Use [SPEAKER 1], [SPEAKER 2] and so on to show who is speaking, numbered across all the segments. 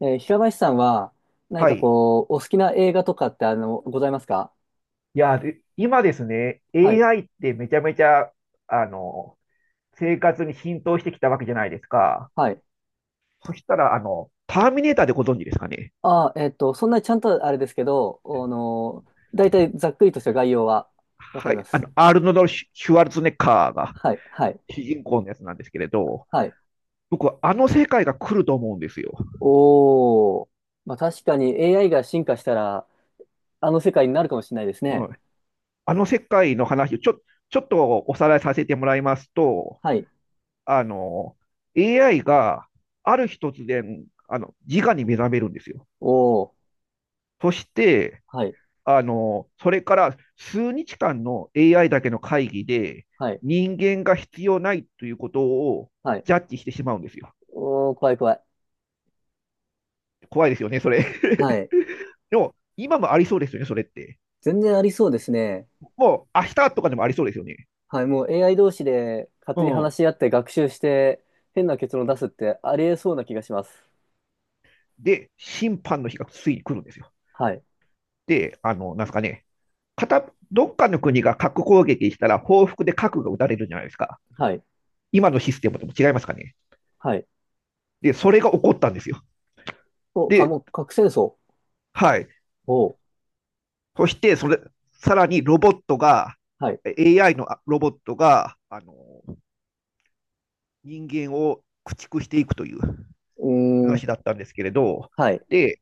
[SPEAKER 1] 平林さんは、何
[SPEAKER 2] は
[SPEAKER 1] か
[SPEAKER 2] い。
[SPEAKER 1] こう、お好きな映画とかって、ございますか？
[SPEAKER 2] で今ですね、
[SPEAKER 1] はい。
[SPEAKER 2] AI ってめちゃめちゃ、あの、生活に浸透してきたわけじゃないですか。
[SPEAKER 1] はい。
[SPEAKER 2] そしたら、ターミネーターでご存知ですかね。
[SPEAKER 1] そんなにちゃんとあれですけど、大体ざっくりとした概要はわか
[SPEAKER 2] は
[SPEAKER 1] りま
[SPEAKER 2] い。
[SPEAKER 1] す。
[SPEAKER 2] アールノルド・シュワルツェネッカーが
[SPEAKER 1] はい、はい、
[SPEAKER 2] 主人公のやつなんですけれど、
[SPEAKER 1] はい。
[SPEAKER 2] 僕はあの世界が来ると思うんですよ。
[SPEAKER 1] おー。まあ確かに AI が進化したら、あの世界になるかもしれないです
[SPEAKER 2] う
[SPEAKER 1] ね。
[SPEAKER 2] ん。あの世界の話をちょ、ちょっとおさらいさせてもらいますと、
[SPEAKER 1] はい。
[SPEAKER 2] あの、AI がある日突然、自我に目覚めるんですよ。
[SPEAKER 1] おー。
[SPEAKER 2] そして、
[SPEAKER 1] はい、
[SPEAKER 2] それから数日間の AI だけの会議で、
[SPEAKER 1] はい、
[SPEAKER 2] 人間が必要ないということを
[SPEAKER 1] はい。
[SPEAKER 2] ジャッジしてしまうんですよ。
[SPEAKER 1] おー、怖い怖い。
[SPEAKER 2] 怖いですよね、それ。
[SPEAKER 1] はい。
[SPEAKER 2] でも、今もありそうですよね、それって。
[SPEAKER 1] 全然ありそうですね。
[SPEAKER 2] もう、明日とかでもありそうですよね。
[SPEAKER 1] はい、もう AI 同士で勝
[SPEAKER 2] う
[SPEAKER 1] 手に
[SPEAKER 2] ん。
[SPEAKER 1] 話し合って学習して変な結論出すってありえそうな気がします。
[SPEAKER 2] で、審判の日がついに来るんですよ。
[SPEAKER 1] はい、
[SPEAKER 2] で、なんですかね、どっかの国が核攻撃したら、報復で核が撃たれるじゃないですか。
[SPEAKER 1] はい、
[SPEAKER 2] 今のシステムとも違いますかね。
[SPEAKER 1] はい。
[SPEAKER 2] で、それが起こったんですよ。
[SPEAKER 1] お、か
[SPEAKER 2] で、
[SPEAKER 1] も、核戦争。
[SPEAKER 2] はい。
[SPEAKER 1] おう、
[SPEAKER 2] そして、さらにロボットが、
[SPEAKER 1] はい。
[SPEAKER 2] AI のロボットが、人間を駆逐していくという
[SPEAKER 1] うーん、
[SPEAKER 2] 話だったんですけれど、
[SPEAKER 1] はい、
[SPEAKER 2] で、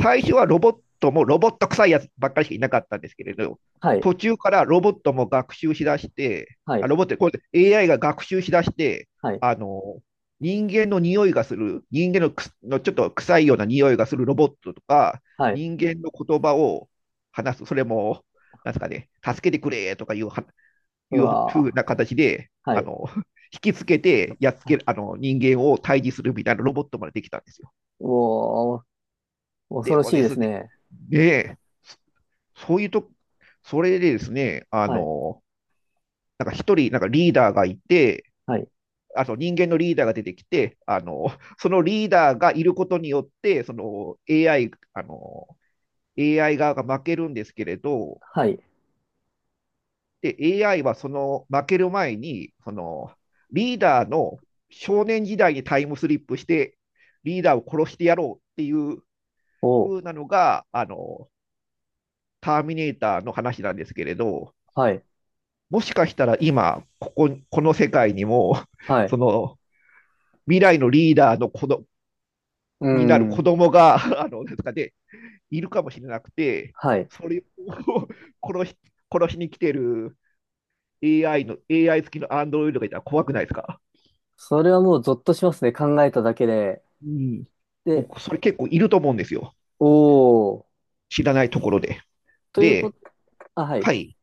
[SPEAKER 2] 最初はロボットもロボット臭いやつばっかりしかいなかったんですけれど、
[SPEAKER 1] はい、
[SPEAKER 2] 途中からロボットも学習しだして、
[SPEAKER 1] は
[SPEAKER 2] あ
[SPEAKER 1] い、
[SPEAKER 2] ロボット、これ AI が学習しだして、
[SPEAKER 1] はい、
[SPEAKER 2] あの、人間の匂いがする、人間のくすのちょっと臭いような匂いがするロボットとか、
[SPEAKER 1] はい。
[SPEAKER 2] 人間の言葉を話す、それも、なんですかね、助けてくれとかいうは、
[SPEAKER 1] う
[SPEAKER 2] いうふう
[SPEAKER 1] わ
[SPEAKER 2] な形で、
[SPEAKER 1] ー、はい。
[SPEAKER 2] 引きつけて、やっつ
[SPEAKER 1] は
[SPEAKER 2] け
[SPEAKER 1] い、
[SPEAKER 2] る、あの、人間を退治するみたいなロボットまでできたんですよ。
[SPEAKER 1] うおー、恐
[SPEAKER 2] で
[SPEAKER 1] ろ
[SPEAKER 2] も
[SPEAKER 1] しい
[SPEAKER 2] で
[SPEAKER 1] で
[SPEAKER 2] す
[SPEAKER 1] す
[SPEAKER 2] ね、
[SPEAKER 1] ね。
[SPEAKER 2] ねえそういうと、それでですね、
[SPEAKER 1] はい、
[SPEAKER 2] なんか一人、なんかリーダーがいて、
[SPEAKER 1] はい、
[SPEAKER 2] あと人間のリーダーが出てきて、そのリーダーがいることによって、その AI、あの、AI 側が負けるんですけれど、
[SPEAKER 1] はい。
[SPEAKER 2] で、AI はその負ける前に、そのリーダーの少年時代にタイムスリップして、リーダーを殺してやろうっていう
[SPEAKER 1] お
[SPEAKER 2] 風
[SPEAKER 1] う、
[SPEAKER 2] なのが、ターミネーターの話なんですけれど、
[SPEAKER 1] はい、
[SPEAKER 2] もしかしたら今、この世界にも、
[SPEAKER 1] は い。
[SPEAKER 2] その未来のリーダーの
[SPEAKER 1] うー
[SPEAKER 2] になる子
[SPEAKER 1] ん、
[SPEAKER 2] 供が、あの、なんとかで、いるかもしれなくて、
[SPEAKER 1] はい。
[SPEAKER 2] それを 殺し、殺しに来てる AI の、AI 付きのアンドロイドがいたら怖くないですか？
[SPEAKER 1] それはもうゾッとしますね。考えただけで。
[SPEAKER 2] うん。
[SPEAKER 1] で、
[SPEAKER 2] 僕、それ結構いると思うんですよ。
[SPEAKER 1] おー、
[SPEAKER 2] 知らないところで。
[SPEAKER 1] というこ
[SPEAKER 2] で、
[SPEAKER 1] と、あ、はい。
[SPEAKER 2] はい。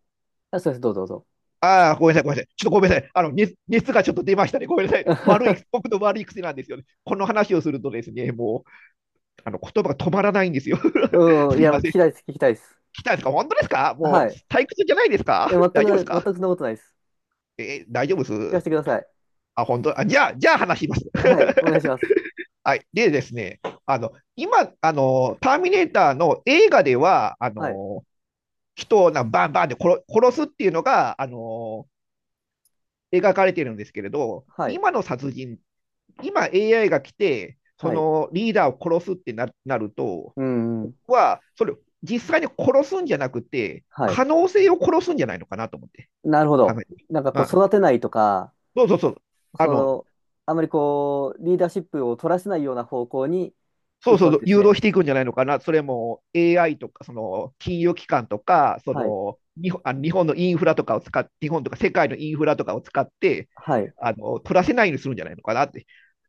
[SPEAKER 1] あ、そうです。どうぞどうぞ。
[SPEAKER 2] ああ、ごめんなさい。ちょっとごめんなさい。熱がちょっと出ましたね。ごめんなさい。悪い、僕の悪い癖なんですよね。この話をするとですね、あの言葉が止まらないんですよ。
[SPEAKER 1] うん、
[SPEAKER 2] す
[SPEAKER 1] い
[SPEAKER 2] い
[SPEAKER 1] や、も
[SPEAKER 2] ま
[SPEAKER 1] う聞
[SPEAKER 2] せん。
[SPEAKER 1] きたいです、聞きたいです。
[SPEAKER 2] 来たんですか？本当ですか？もう
[SPEAKER 1] はい。
[SPEAKER 2] 退屈じゃないです
[SPEAKER 1] え、
[SPEAKER 2] か？
[SPEAKER 1] 全く
[SPEAKER 2] 大丈夫
[SPEAKER 1] な
[SPEAKER 2] で
[SPEAKER 1] い、
[SPEAKER 2] す
[SPEAKER 1] 全
[SPEAKER 2] か？
[SPEAKER 1] くそんなことないです。
[SPEAKER 2] えー大丈夫で
[SPEAKER 1] 聞か
[SPEAKER 2] す。
[SPEAKER 1] せてください。
[SPEAKER 2] あ、本当？あ、じゃあ話します。
[SPEAKER 1] はい、お願いします。
[SPEAKER 2] はい。でですね、あの、今、あの、ターミネーターの映画では、
[SPEAKER 1] はい、
[SPEAKER 2] 人をなバンバンで殺すっていうのが、描かれてるんですけれど、
[SPEAKER 1] はい、
[SPEAKER 2] 今の殺人っ今 AI が来て、そ
[SPEAKER 1] はい。
[SPEAKER 2] のリーダーを殺すってなると、
[SPEAKER 1] うん、うん、
[SPEAKER 2] 僕はそれ、実際に殺すんじゃなくて、
[SPEAKER 1] はい。
[SPEAKER 2] 可能性を殺すんじゃないのかなと思って
[SPEAKER 1] なるほ
[SPEAKER 2] 考
[SPEAKER 1] ど。
[SPEAKER 2] えてみ
[SPEAKER 1] なんかこう、
[SPEAKER 2] まあ、
[SPEAKER 1] 育てないとか、
[SPEAKER 2] そうそうそう、あ
[SPEAKER 1] そ
[SPEAKER 2] の、
[SPEAKER 1] の、あまりこう、リーダーシップを取らせないような方向に
[SPEAKER 2] そう
[SPEAKER 1] 行く
[SPEAKER 2] そう
[SPEAKER 1] わ
[SPEAKER 2] そ
[SPEAKER 1] け
[SPEAKER 2] う、
[SPEAKER 1] です
[SPEAKER 2] 誘導
[SPEAKER 1] ね。
[SPEAKER 2] していくんじゃないのかな、それも AI とか、その金融機関とか、
[SPEAKER 1] はい、
[SPEAKER 2] 日本のインフラとかを使って、日本とか世界のインフラとかを使って、
[SPEAKER 1] はい、
[SPEAKER 2] あの取らせないようにするんじゃないのかなって、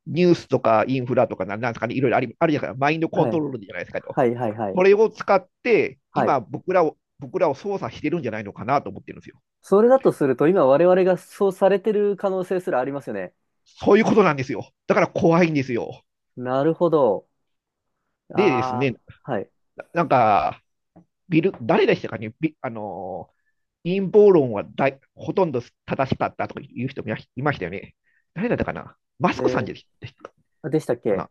[SPEAKER 2] ニュースとかインフラとか、なんですかね、いろいろありあるじゃないですか、マインドコ
[SPEAKER 1] は
[SPEAKER 2] ント
[SPEAKER 1] い、
[SPEAKER 2] ロールじゃないですかと。
[SPEAKER 1] はい、はい、はい。
[SPEAKER 2] それを使って、
[SPEAKER 1] はい。
[SPEAKER 2] 今、僕らを、僕らを操作してるんじゃないのかなと思ってるんですよ。
[SPEAKER 1] それだとすると、今我々がそうされてる可能性すらありますよね。
[SPEAKER 2] そういうことなんですよ。だから怖いんですよ。
[SPEAKER 1] なるほど。
[SPEAKER 2] でです
[SPEAKER 1] あ
[SPEAKER 2] ね、
[SPEAKER 1] あ、はい。
[SPEAKER 2] なんか、誰でしたかね、ビあのー、陰謀論はほとんど正しかったとかいう人もいましたよね。誰だったかな？マ
[SPEAKER 1] え
[SPEAKER 2] スクさんでし
[SPEAKER 1] ー
[SPEAKER 2] た
[SPEAKER 1] でしたっ
[SPEAKER 2] か
[SPEAKER 1] け？
[SPEAKER 2] な？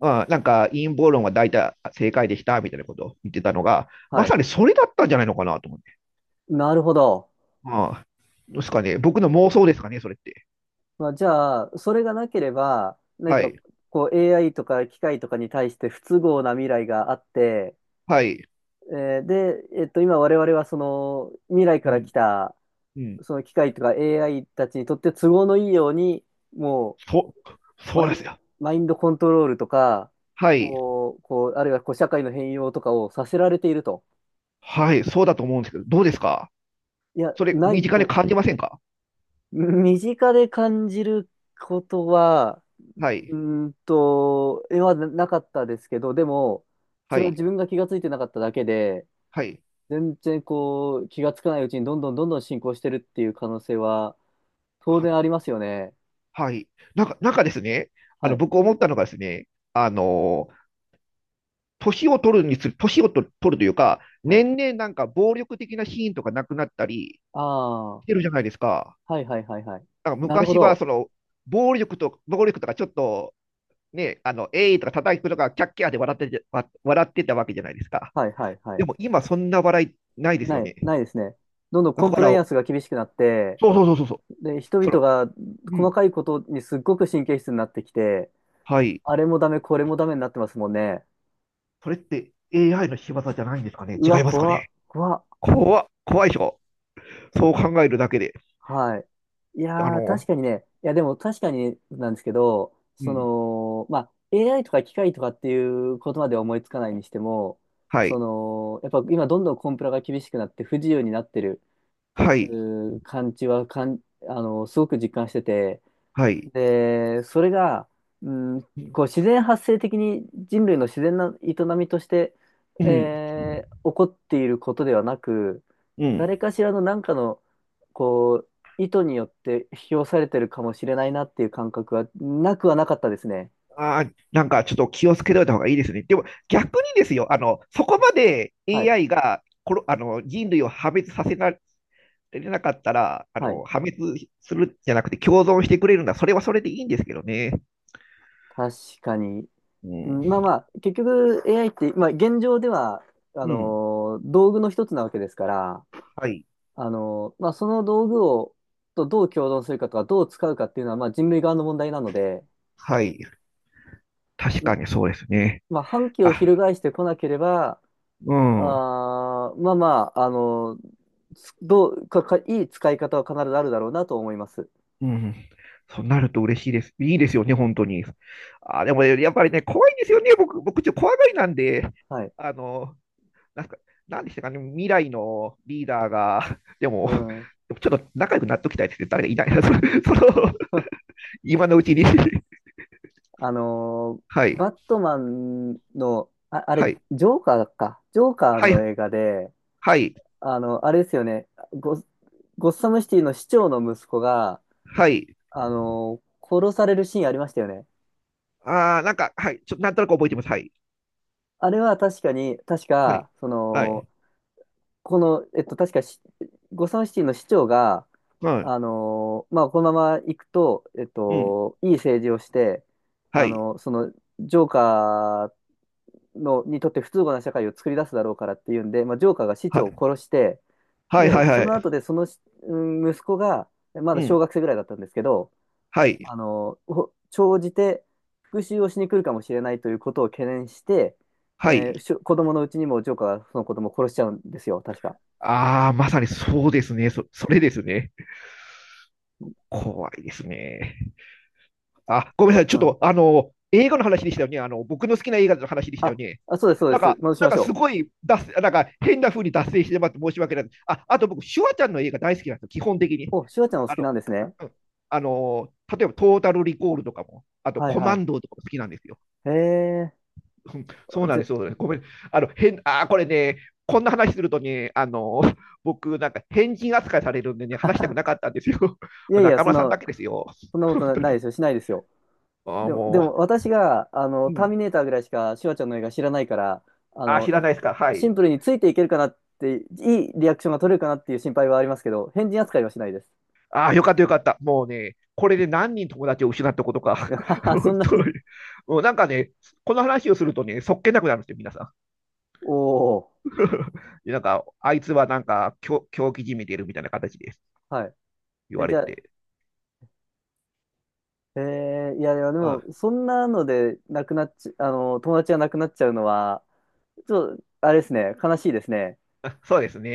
[SPEAKER 2] あなんか陰謀論は大体正解でしたみたいなことを言ってたのが、
[SPEAKER 1] は
[SPEAKER 2] ま
[SPEAKER 1] い。
[SPEAKER 2] さにそれだったんじゃないのかなと思って。
[SPEAKER 1] なるほど。
[SPEAKER 2] ああ、どうですかね。僕の妄想ですかね、それって。
[SPEAKER 1] まあ、じゃあ、それがなければ、何
[SPEAKER 2] は
[SPEAKER 1] か
[SPEAKER 2] い。
[SPEAKER 1] こう AI とか機械とかに対して不都合な未来があって、
[SPEAKER 2] はい。
[SPEAKER 1] で、今我々はその未来
[SPEAKER 2] う
[SPEAKER 1] から来
[SPEAKER 2] ん、
[SPEAKER 1] た
[SPEAKER 2] うん。
[SPEAKER 1] その機械とか AI たちにとって都合のいいように、も
[SPEAKER 2] そ、
[SPEAKER 1] う
[SPEAKER 2] そうですよ。
[SPEAKER 1] マインドコントロールとか、
[SPEAKER 2] はい。
[SPEAKER 1] こう、あるいはこう社会の変容とかをさせられていると。
[SPEAKER 2] はい。そうだと思うんですけど、どうですか？
[SPEAKER 1] いや、
[SPEAKER 2] それ、
[SPEAKER 1] な
[SPEAKER 2] 身
[SPEAKER 1] い
[SPEAKER 2] 近で
[SPEAKER 1] と、
[SPEAKER 2] 感じませんか？
[SPEAKER 1] 身近で感じることは、
[SPEAKER 2] は
[SPEAKER 1] う
[SPEAKER 2] い。
[SPEAKER 1] 絵はななかったですけど、でも、
[SPEAKER 2] は
[SPEAKER 1] それは自
[SPEAKER 2] い。
[SPEAKER 1] 分が気がついてなかっただけで、
[SPEAKER 2] はい。
[SPEAKER 1] 全然こう、気がつかないうちにどんどんどんどん進行してるっていう可能性は当然あ
[SPEAKER 2] は
[SPEAKER 1] りますよね。
[SPEAKER 2] はい。なんか、なんかですね、
[SPEAKER 1] はい、
[SPEAKER 2] 僕思ったのがですね、あの年を取るにつれ、年をと取るというか、
[SPEAKER 1] はい。
[SPEAKER 2] 年々なんか暴力的なシーンとかなくなったり
[SPEAKER 1] ああ、
[SPEAKER 2] し
[SPEAKER 1] は
[SPEAKER 2] てるじゃないですか。
[SPEAKER 1] いはいはいはい。
[SPEAKER 2] なんか
[SPEAKER 1] なるほ
[SPEAKER 2] 昔はそ
[SPEAKER 1] ど。
[SPEAKER 2] の、暴力とかちょっと、ね、えいとか叩くとか、キャッキャーで笑ってて、笑ってたわけじゃないですか。
[SPEAKER 1] はいはいは
[SPEAKER 2] で
[SPEAKER 1] い。
[SPEAKER 2] も今そんな笑いないです
[SPEAKER 1] な
[SPEAKER 2] よ
[SPEAKER 1] い、
[SPEAKER 2] ね。
[SPEAKER 1] ないですね。どんどん
[SPEAKER 2] だ
[SPEAKER 1] コン
[SPEAKER 2] か
[SPEAKER 1] プライ
[SPEAKER 2] ら、
[SPEAKER 1] アンスが厳しくなって、
[SPEAKER 2] そうそうそうそうそう。
[SPEAKER 1] で、人
[SPEAKER 2] そ
[SPEAKER 1] 々
[SPEAKER 2] の、
[SPEAKER 1] が
[SPEAKER 2] う
[SPEAKER 1] 細
[SPEAKER 2] ん。
[SPEAKER 1] かいことにすっごく神経質になってきて、
[SPEAKER 2] はい。
[SPEAKER 1] あれもダメ、これもダメになってますもんね。
[SPEAKER 2] それって AI の仕業じゃないんですかね？
[SPEAKER 1] うわ、
[SPEAKER 2] 違いますか
[SPEAKER 1] 怖っ、
[SPEAKER 2] ね？
[SPEAKER 1] 怖っ。
[SPEAKER 2] 怖っ、怖いでしょ？そう考えるだけで。
[SPEAKER 1] はい。い
[SPEAKER 2] あ
[SPEAKER 1] やー、確
[SPEAKER 2] の、
[SPEAKER 1] かにね、いや、でも確かになんですけど、
[SPEAKER 2] う
[SPEAKER 1] そ
[SPEAKER 2] ん。
[SPEAKER 1] の、まあ、AI とか機械とかっていうことまでは思いつかないにしても、
[SPEAKER 2] は
[SPEAKER 1] そ
[SPEAKER 2] い。
[SPEAKER 1] の、やっぱ今どんどんコンプラが厳しくなって不自由になってる、
[SPEAKER 2] はい。
[SPEAKER 1] 感じはすごく実感してて、
[SPEAKER 2] はい。
[SPEAKER 1] で、それが、うん、
[SPEAKER 2] う
[SPEAKER 1] こう自然発生的に人類の自然な営みとして、
[SPEAKER 2] ん。
[SPEAKER 1] 起こっていることではなく、
[SPEAKER 2] うん。
[SPEAKER 1] 誰かしらの何かのこう意図によって引き寄されてるかもしれないなっていう感覚はなくはなかったですね。
[SPEAKER 2] ああ、なんかちょっと気をつけといた方がいいですね。でも逆にですよ、そこまで
[SPEAKER 1] はい。
[SPEAKER 2] AI がこの、あの、人類を破滅させられなかったら、
[SPEAKER 1] はい。
[SPEAKER 2] 破滅するじゃなくて共存してくれるなら、それはそれでいいんですけどね。
[SPEAKER 1] 確かに。
[SPEAKER 2] う
[SPEAKER 1] うんま
[SPEAKER 2] ん。
[SPEAKER 1] あまあ、結局 AI って、まあ、現状では
[SPEAKER 2] うん。
[SPEAKER 1] 道具の一つなわけですから、
[SPEAKER 2] はい。
[SPEAKER 1] まあ、その道具を、とどう共存するかとか、どう使うかっていうのは、まあ、人類側の問題なので、
[SPEAKER 2] はい。確
[SPEAKER 1] ん
[SPEAKER 2] かにそうですね。
[SPEAKER 1] まあ、反旗を
[SPEAKER 2] あ、
[SPEAKER 1] 翻してこなければ、
[SPEAKER 2] うん。
[SPEAKER 1] まあまあ、つどう、か、か、いい使い方は必ずあるだろうなと思います。
[SPEAKER 2] うん。そうなると嬉しいです。いいですよね、本当に。あ、でもね、やっぱりね、怖いんですよね。僕、ちょっと怖がりなんで、
[SPEAKER 1] はい。
[SPEAKER 2] あの、なんか、なんでしたかね、未来のリーダーが、でも、
[SPEAKER 1] うん。
[SPEAKER 2] でもちょっと仲良くなっときたいですね。誰かいないな。その 今のうちに。
[SPEAKER 1] あのー
[SPEAKER 2] はい。
[SPEAKER 1] バットマンの、あ、あ
[SPEAKER 2] は
[SPEAKER 1] れ、
[SPEAKER 2] い。
[SPEAKER 1] ジョーカーか。ジョーカー
[SPEAKER 2] は
[SPEAKER 1] の
[SPEAKER 2] い。
[SPEAKER 1] 映画で、
[SPEAKER 2] はい。
[SPEAKER 1] あれですよね。ゴッサムシティの市長の息子が、
[SPEAKER 2] はい。
[SPEAKER 1] 殺されるシーンありましたよね。
[SPEAKER 2] ああ、なんか、はい。ちょっと、なんとなく覚えてます。はい。
[SPEAKER 1] あれは確かに、確
[SPEAKER 2] はい。
[SPEAKER 1] か、
[SPEAKER 2] はい。
[SPEAKER 1] 確かし、ゴサムシティの市長が、
[SPEAKER 2] はい。
[SPEAKER 1] まあ、このまま行くと、
[SPEAKER 2] うん。
[SPEAKER 1] いい政治をして、
[SPEAKER 2] は
[SPEAKER 1] あ
[SPEAKER 2] い。
[SPEAKER 1] の、その、ジョーカーの、にとって不都合な社会を作り出すだろうからっていうんで、まあ、ジョーカーが市
[SPEAKER 2] は
[SPEAKER 1] 長を
[SPEAKER 2] い。
[SPEAKER 1] 殺して、
[SPEAKER 2] はいは
[SPEAKER 1] で、
[SPEAKER 2] い
[SPEAKER 1] そ
[SPEAKER 2] は
[SPEAKER 1] の
[SPEAKER 2] い。
[SPEAKER 1] 後で、うん、息子が、ま
[SPEAKER 2] う
[SPEAKER 1] だ小
[SPEAKER 2] ん。
[SPEAKER 1] 学生ぐらいだったんですけど、
[SPEAKER 2] はい。
[SPEAKER 1] 長じて復讐をしに来るかもしれないということを懸念して、
[SPEAKER 2] は
[SPEAKER 1] えー
[SPEAKER 2] い。
[SPEAKER 1] しょ子供のうちにもジョーカーがその子供を殺しちゃうんですよ、確か。
[SPEAKER 2] ああ、まさにそうですね。それですね。怖いですね。あ、ごめんなさい。ちょ
[SPEAKER 1] う
[SPEAKER 2] っ
[SPEAKER 1] ん。
[SPEAKER 2] と、あの、映画の話でしたよね。あの、僕の好きな映画の話でしたよ
[SPEAKER 1] あ、
[SPEAKER 2] ね。
[SPEAKER 1] あ、そうです、そうです。戻し
[SPEAKER 2] な
[SPEAKER 1] ま
[SPEAKER 2] ん
[SPEAKER 1] し
[SPEAKER 2] かす
[SPEAKER 1] ょ
[SPEAKER 2] ごい脱線、なんか変な風に脱線してまって申し訳ない。あ、あと僕、シュワちゃんの映画大好きなんですよ。基本的に。
[SPEAKER 1] う。お、シュワちゃんお好
[SPEAKER 2] あ
[SPEAKER 1] き
[SPEAKER 2] の、
[SPEAKER 1] なんですね。
[SPEAKER 2] うん、あの、例えばトータルリコールとかも、あと
[SPEAKER 1] はい
[SPEAKER 2] コ
[SPEAKER 1] は
[SPEAKER 2] マ
[SPEAKER 1] い。
[SPEAKER 2] ンドーとかも好きなんですよ。
[SPEAKER 1] へえ。
[SPEAKER 2] うん
[SPEAKER 1] ぜ
[SPEAKER 2] そうなんです。ごめん。あの、変、あー、これね、こんな話するとね、僕、なんか変人扱いされるんでね、話したくなか ったんですよ。
[SPEAKER 1] い やいや、
[SPEAKER 2] 中
[SPEAKER 1] そん
[SPEAKER 2] 村さん
[SPEAKER 1] な、
[SPEAKER 2] だけですよ。
[SPEAKER 1] そん なこ
[SPEAKER 2] 本
[SPEAKER 1] と
[SPEAKER 2] 当
[SPEAKER 1] ないで
[SPEAKER 2] に。
[SPEAKER 1] すよ。しないですよ。
[SPEAKER 2] あー、
[SPEAKER 1] でも、で
[SPEAKER 2] も
[SPEAKER 1] も私が、
[SPEAKER 2] う、う
[SPEAKER 1] ター
[SPEAKER 2] ん。
[SPEAKER 1] ミネーターぐらいしかシュワちゃんの映画知らないから、あ
[SPEAKER 2] あー、知
[SPEAKER 1] の、
[SPEAKER 2] らないですか。は
[SPEAKER 1] シ
[SPEAKER 2] い。
[SPEAKER 1] ンプルについていけるかなって、いいリアクションが取れるかなっていう心配はありますけど、変人扱いはしないです。
[SPEAKER 2] ああよかったよかった。もうね、これで何人友達を失ったことか。
[SPEAKER 1] そ
[SPEAKER 2] 本
[SPEAKER 1] んな
[SPEAKER 2] 当
[SPEAKER 1] に
[SPEAKER 2] に。もうなんかね、この話をするとね、そっけなくなるんですよ、皆さん。
[SPEAKER 1] おお、
[SPEAKER 2] でなんか、あいつはなんか、狂気じみてるみたいな形で
[SPEAKER 1] はい。
[SPEAKER 2] 言
[SPEAKER 1] え、
[SPEAKER 2] わ
[SPEAKER 1] じ
[SPEAKER 2] れ
[SPEAKER 1] ゃあ、
[SPEAKER 2] て。
[SPEAKER 1] いやいや、で
[SPEAKER 2] うん。
[SPEAKER 1] も、そんなので、なくなっち、友達がなくなっちゃうのは、ちょっと、あれですね、悲しいですね。
[SPEAKER 2] あそうですね。